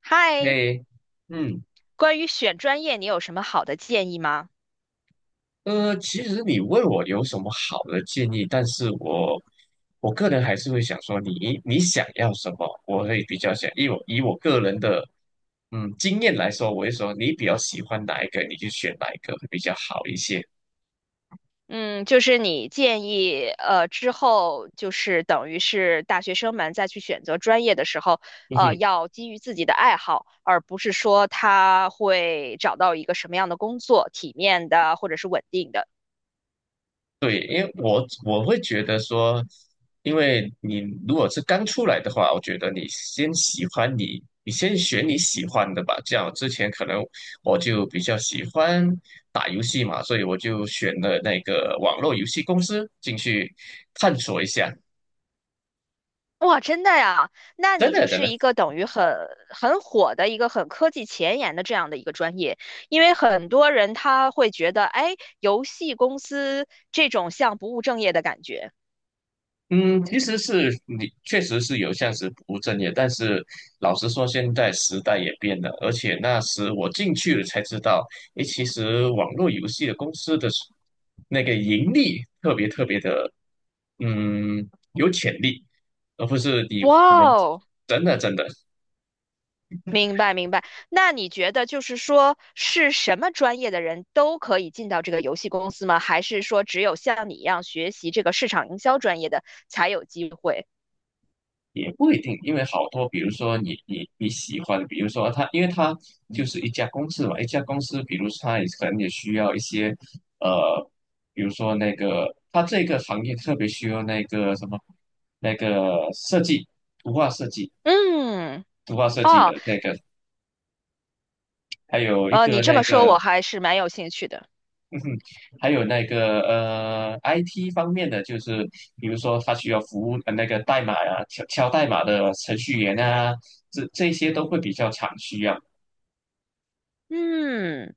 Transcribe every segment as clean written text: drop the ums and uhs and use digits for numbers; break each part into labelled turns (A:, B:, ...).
A: 嗨，
B: 嘿，嗯，
A: 关于选专业，你有什么好的建议吗？
B: 其实你问我有什么好的建议，但是我个人还是会想说你想要什么，我会比较想，以我个人的经验来说，我会说你比较喜欢哪一个，你就选哪一个会比较好一些。
A: 嗯，就是你建议，之后就是等于是大学生们再去选择专业的时候，要基于自己的爱好，而不是说他会找到一个什么样的工作，体面的或者是稳定的。
B: 对，因为我会觉得说，因为你如果是刚出来的话，我觉得你先选你喜欢的吧。这样之前可能我就比较喜欢打游戏嘛，所以我就选了那个网络游戏公司进去探索一下。
A: 哇，真的呀？那
B: 真
A: 你
B: 的
A: 就
B: 真
A: 是
B: 的，
A: 一个等于很火的一个很科技前沿的这样的一个专业，因为很多人他会觉得，哎，游戏公司这种像不务正业的感觉。
B: 嗯，其实是你确实是有这样子不务正业，但是老实说，现在时代也变了，而且那时我进去了才知道，诶，其实网络游戏的公司的那个盈利特别特别的，嗯，有潜力，而不是我
A: 哇
B: 们。
A: 哦，
B: 真的真的。
A: 明白明白。那你觉得就是说，是什么专业的人都可以进到这个游戏公司吗？还是说只有像你一样学习这个市场营销专业的才有机会？
B: 也不一定，因为好多，比如说你喜欢的比如说他，因为他就是一家公司嘛，一家公司，比如说他也可能也需要一些，呃，比如说那个他这个行业特别需要那个什么，那个设计，图画设计，
A: 嗯，
B: 图画设计
A: 哦，
B: 的那个，还有一个
A: 你这
B: 那
A: 么说
B: 个。
A: 我还是蛮有兴趣的。
B: 还有那个IT 方面的，就是比如说他需要服务那个代码呀、敲敲代码的程序员啊，这些都会比较常需要。
A: 嗯。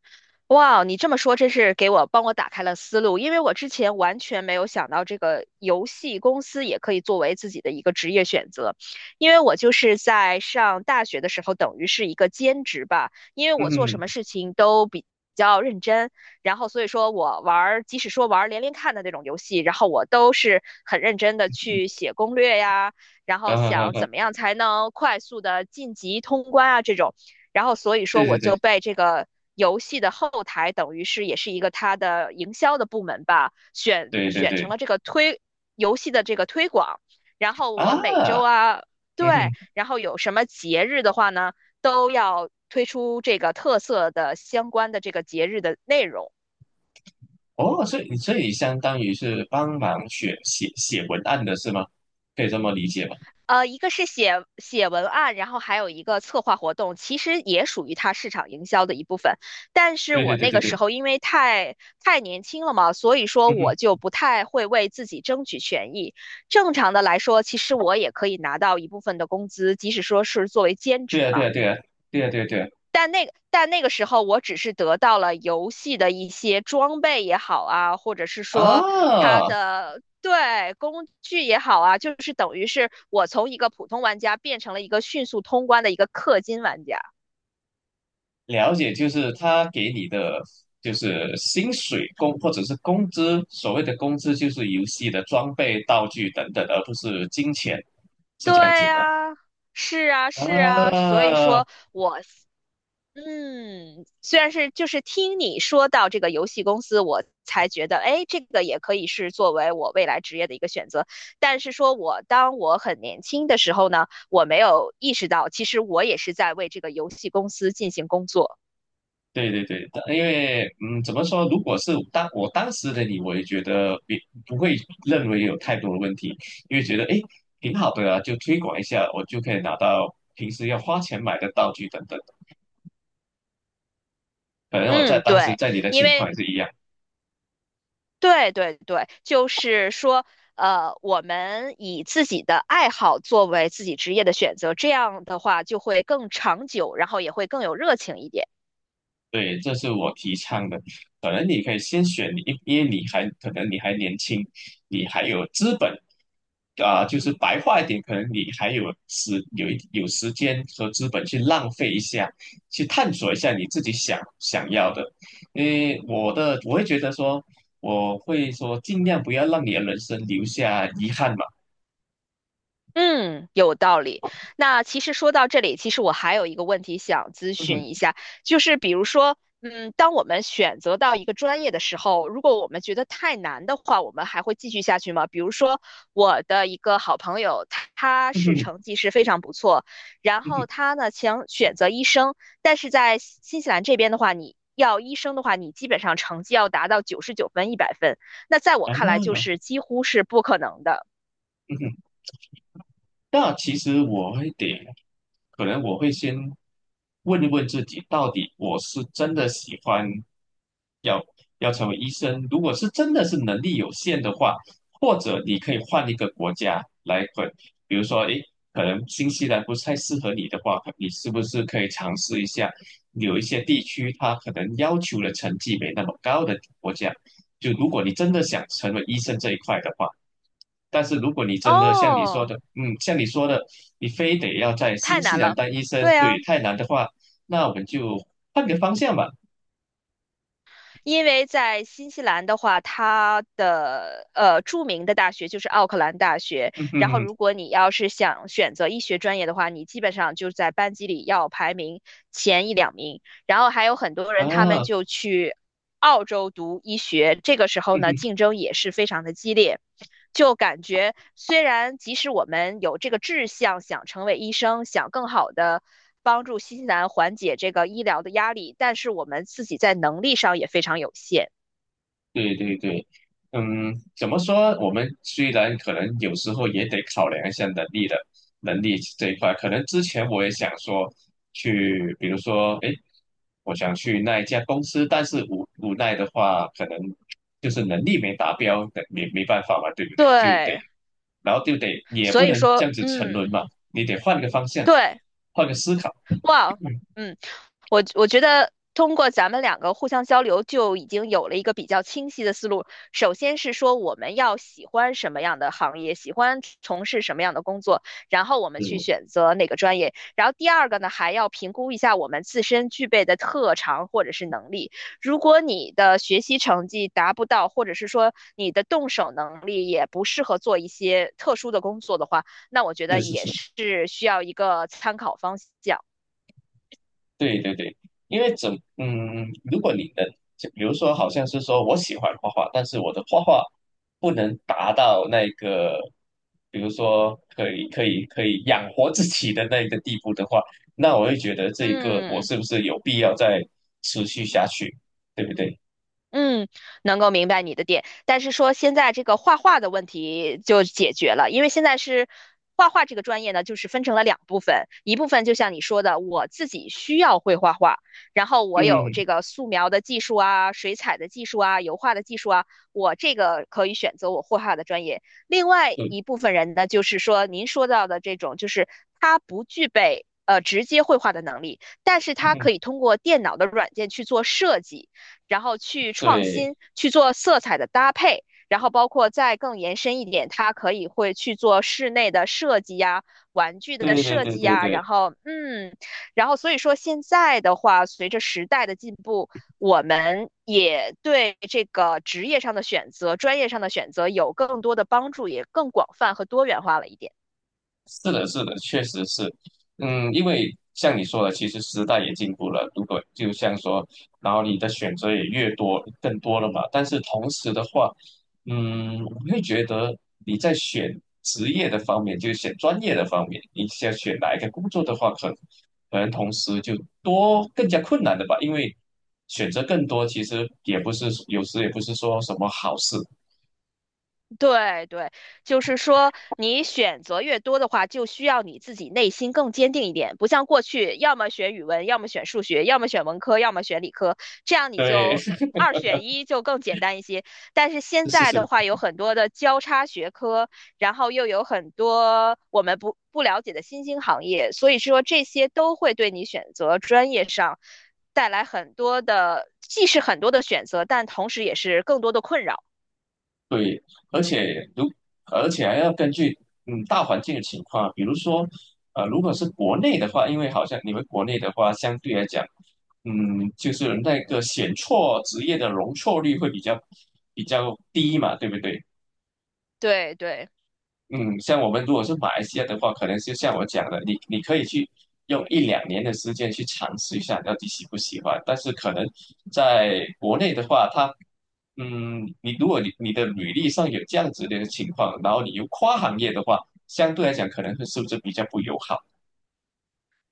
A: 哇，你这么说真是帮我打开了思路，因为我之前完全没有想到这个游戏公司也可以作为自己的一个职业选择，因为我就是在上大学的时候，等于是一个兼职吧，因为我做
B: 嗯
A: 什么
B: 哼，
A: 事情都比较认真，然后所以说我玩儿，即使说玩儿连连看的那种游戏，然后我都是很认真的去写攻略呀，然后
B: 嗯哼哼
A: 想怎
B: 哼，
A: 么样才能快速的晋级通关啊这种。然后所以
B: 对
A: 说
B: 对
A: 我就
B: 对
A: 被这个游戏的后台，等于是也是一个它的营销的部门吧，选
B: 对对，
A: 选成
B: 对
A: 了这个推游戏的这个推广。然后我每
B: 啊，
A: 周啊，
B: 嗯
A: 对，
B: 哼。
A: 然后有什么节日的话呢，都要推出这个特色的相关的这个节日的内容。
B: 哦，所以相当于是帮忙写文案的是吗？可以这么理解吗？
A: 一个是写写文案，然后还有一个策划活动，其实也属于它市场营销的一部分。但是
B: 对
A: 我
B: 对对
A: 那
B: 对
A: 个时
B: 对，
A: 候因为太年轻了嘛，所以说
B: 嗯哼，
A: 我就不太会为自己争取权益。正常的来说，其实我也可以拿到一部分的工资，即使说是作为兼
B: 对
A: 职
B: 啊对
A: 嘛。
B: 啊对啊对啊对啊对啊，
A: 但那个时候，我只是得到了游戏的一些装备也好啊，或者是说它
B: 啊，
A: 的对工具也好啊，就是等于是我从一个普通玩家变成了一个迅速通关的一个氪金玩家。
B: 了解，就是他给你的就是薪水工或者是工资，所谓的工资就是游戏的装备、道具等等，而不是金钱，是
A: 对
B: 这样子的
A: 呀，是啊，是啊，所以
B: 啊。
A: 说我虽然是就是听你说到这个游戏公司，我才觉得，哎，这个也可以是作为我未来职业的一个选择。但是说我当我很年轻的时候呢，我没有意识到，其实我也是在为这个游戏公司进行工作。
B: 对对对，但因为怎么说？如果是当时的你，我也觉得也不会认为有太多的问题，因为觉得诶挺好的啊，就推广一下，我就可以拿到平时要花钱买的道具等等。可能我在
A: 嗯，
B: 当时
A: 对，
B: 在你的
A: 因
B: 情况
A: 为
B: 也是一样。
A: 对对对，就是说，我们以自己的爱好作为自己职业的选择，这样的话就会更长久，然后也会更有热情一点。
B: 对，这是我提倡的。可能你可以先选你一，因为你还可能你还年轻，你还有资本啊、就是白话一点，可能你还有时间和资本去浪费一下，去探索一下你自己想要的。因为我会觉得说，我会说尽量不要让你的人生留下遗憾嘛。
A: 嗯，有道理。那其实说到这里，其实我还有一个问题想咨
B: 嗯哼，
A: 询一下，就是比如说，嗯，当我们选择到一个专业的时候，如果我们觉得太难的话，我们还会继续下去吗？比如说，我的一个好朋友，他
B: 嗯
A: 是
B: 哼，
A: 成绩是非常不错，然
B: 嗯
A: 后
B: 哼，
A: 他呢想选择医生，但是在新西兰这边的话，你要医生的话，你基本上成绩要达到99分、100分，那在我
B: 啊，
A: 看来就是几乎是不可能的。
B: 嗯哼。那其实我会得，可能我会先问一问自己，到底我是真的喜欢要要成为医生？如果是真的是能力有限的话，或者你可以换一个国家来混，比如说，诶，可能新西兰不太适合你的话，你是不是可以尝试一下有一些地区它可能要求的成绩没那么高的国家？就如果你真的想成为医生这一块的话。但是如果你真的像你说
A: 哦，
B: 的，嗯，像你说的，你非得要在新
A: 太
B: 西
A: 难
B: 兰
A: 了。
B: 当医生，
A: 对啊，
B: 对，太难的话，那我们就换个方向吧。
A: 因为在新西兰的话，它的呃著名的大学就是奥克兰大学。
B: 嗯哼
A: 然后，
B: 哼，
A: 如果你要是想选择医学专业的话，你基本上就在班级里要排名前一两名。然后还有很多人，他
B: 嗯
A: 们
B: 啊，
A: 就去澳洲读医学，这个时候
B: 嗯
A: 呢，
B: 哼。
A: 竞争也是非常的激烈。就感觉虽然即使我们有这个志向，想成为医生，想更好的帮助新西兰缓解这个医疗的压力，但是我们自己在能力上也非常有限。
B: 对对对，怎么说？我们虽然可能有时候也得考量一下能力这一块，可能之前我也想说去，比如说，哎，我想去那一家公司，但是无奈的话，可能就是能力没达标，没办法嘛，对不对？
A: 对，
B: 然后就得也
A: 所
B: 不
A: 以
B: 能这
A: 说，
B: 样子沉沦
A: 嗯，
B: 嘛，你得换个方向，
A: 对。
B: 换个思考。
A: 哇，
B: 嗯，
A: 嗯，我觉得通过咱们两个互相交流，就已经有了一个比较清晰的思路。首先是说我们要喜欢什么样的行业，喜欢从事什么样的工作，然后我们去
B: 是
A: 选择哪个专业。然后第二个呢，还要评估一下我们自身具备的特长或者是能力。如果你的学习成绩达不到，或者是说你的动手能力也不适合做一些特殊的工作的话，那我觉得
B: 是
A: 也
B: 是。
A: 是需要一个参考方向。
B: 对对对，因为怎如果你能，就比如说，好像是说我喜欢画画，但是我的画画不能达到那个，比如说可以养活自己的那个地步的话，那我会觉得这个我
A: 嗯
B: 是不是有必要再持续下去，对不对？
A: 嗯，能够明白你的点，但是说现在这个画画的问题就解决了，因为现在是画画这个专业呢，就是分成了两部分，一部分就像你说的，我自己需要会画画，然后我有
B: 嗯，
A: 这个素描的技术啊、水彩的技术啊、油画的技术啊，我这个可以选择我绘画的专业。另外
B: 对，
A: 一部分人呢，就是说您说到的这种，就是他不具备直接绘画的能力，但是他
B: 嗯，
A: 可以通过电脑的软件去做设计。然后去创
B: 对，
A: 新，去做色彩的搭配，然后包括再更延伸一点，它可以会去做室内的设计呀、玩具的
B: 对对
A: 设
B: 对
A: 计
B: 对
A: 呀，然
B: 对。
A: 后然后所以说现在的话，随着时代的进步，我们也对这个职业上的选择、专业上的选择有更多的帮助，也更广泛和多元化了一点。
B: 是的，是的，确实是，嗯，因为像你说的，其实时代也进步了，如果就像说，然后你的选择也越多，更多了嘛。但是同时的话，我会觉得你在选职业的方面，就是选专业的方面，你想选哪一个工作的话，可能同时就多更加困难的吧，因为选择更多，其实也不是有时也不是说什么好事。
A: 对对，就是说你选择越多的话，就需要你自己内心更坚定一点，不像过去，要么选语文，要么选数学，要么选文科，要么选理科，这样你
B: 对，
A: 就
B: 是
A: 二选一就更简单一些。但是现
B: 是
A: 在的
B: 是。
A: 话，有很多的交叉学科，然后又有很多我们不了解的新兴行业，所以说这些都会对你选择专业上带来很多的，既是很多的选择，但同时也是更多的困扰。
B: 对，而且如而且还要根据大环境的情况，比如说如果是国内的话，因为好像你们国内的话，相对来讲，就是那个选错职业的容错率会比较低嘛，对不对？
A: 对对。
B: 嗯，像我们如果是马来西亚的话，可能就像我讲的，你可以去用一两年的时间去尝试一下，到底喜不喜欢。但是可能在国内的话，你如果你你的履历上有这样子的情况，然后你又跨行业的话，相对来讲可能会是不是比较不友好？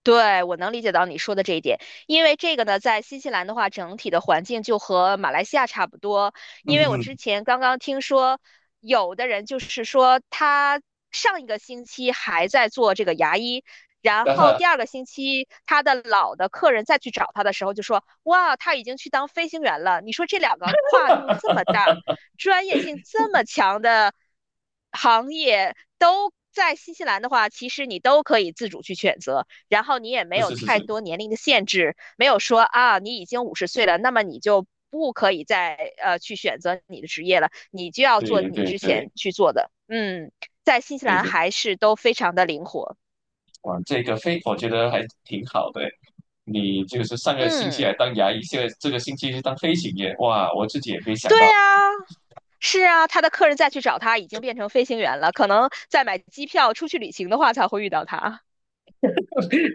A: 对，我能理解到你说的这一点，因为这个呢，在新西兰的话，整体的环境就和马来西亚差不多。因
B: 嗯，
A: 为我之前刚刚听说，有的人就是说他上一个星期还在做这个牙医，然
B: 那
A: 后
B: 哈，
A: 第二个星期他的老的客人再去找他的时候，就说哇，他已经去当飞行员了。你说这两个跨度这么大，专业性这么强的行业都。在新西兰的话，其实你都可以自主去选择，然后你也没
B: 是
A: 有
B: 是是是，
A: 太多年龄的限制，没有说啊你已经50岁了，那么你就不可以再去选择你的职业了，你就要做
B: 对
A: 你
B: 对
A: 之前
B: 对
A: 去做的。嗯，在新西
B: 对
A: 兰
B: 对。
A: 还是都非常的灵活。
B: 哇，这个非我觉得还挺好的。你就是上个星期
A: 嗯，
B: 还当牙医，现在这个星期是当飞行员，哇，我自己也没想
A: 对
B: 到。
A: 啊，是啊，他的客人再去找他已经变成飞行员了，可能在买机票出去旅行的话才会遇到他，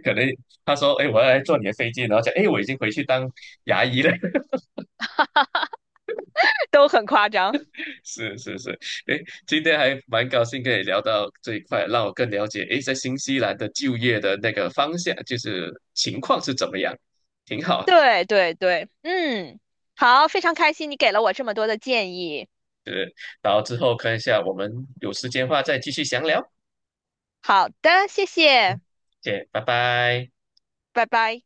B: 可能他说，哎，我要来坐你的飞机，然后讲，哎，我已经回去当牙医了。
A: 都很夸张。
B: 是是是，哎，今天还蛮高兴跟你聊到这一块，让我更了解，哎，在新西兰的就业的那个方向，就是情况是怎么样，挺好。
A: 对对对，嗯，好，非常开心你给了我这么多的建议。
B: 对。然后之后看一下，我们有时间的话再继续详聊。
A: 好的，谢谢，
B: 嗯，谢谢，拜拜。
A: 拜拜。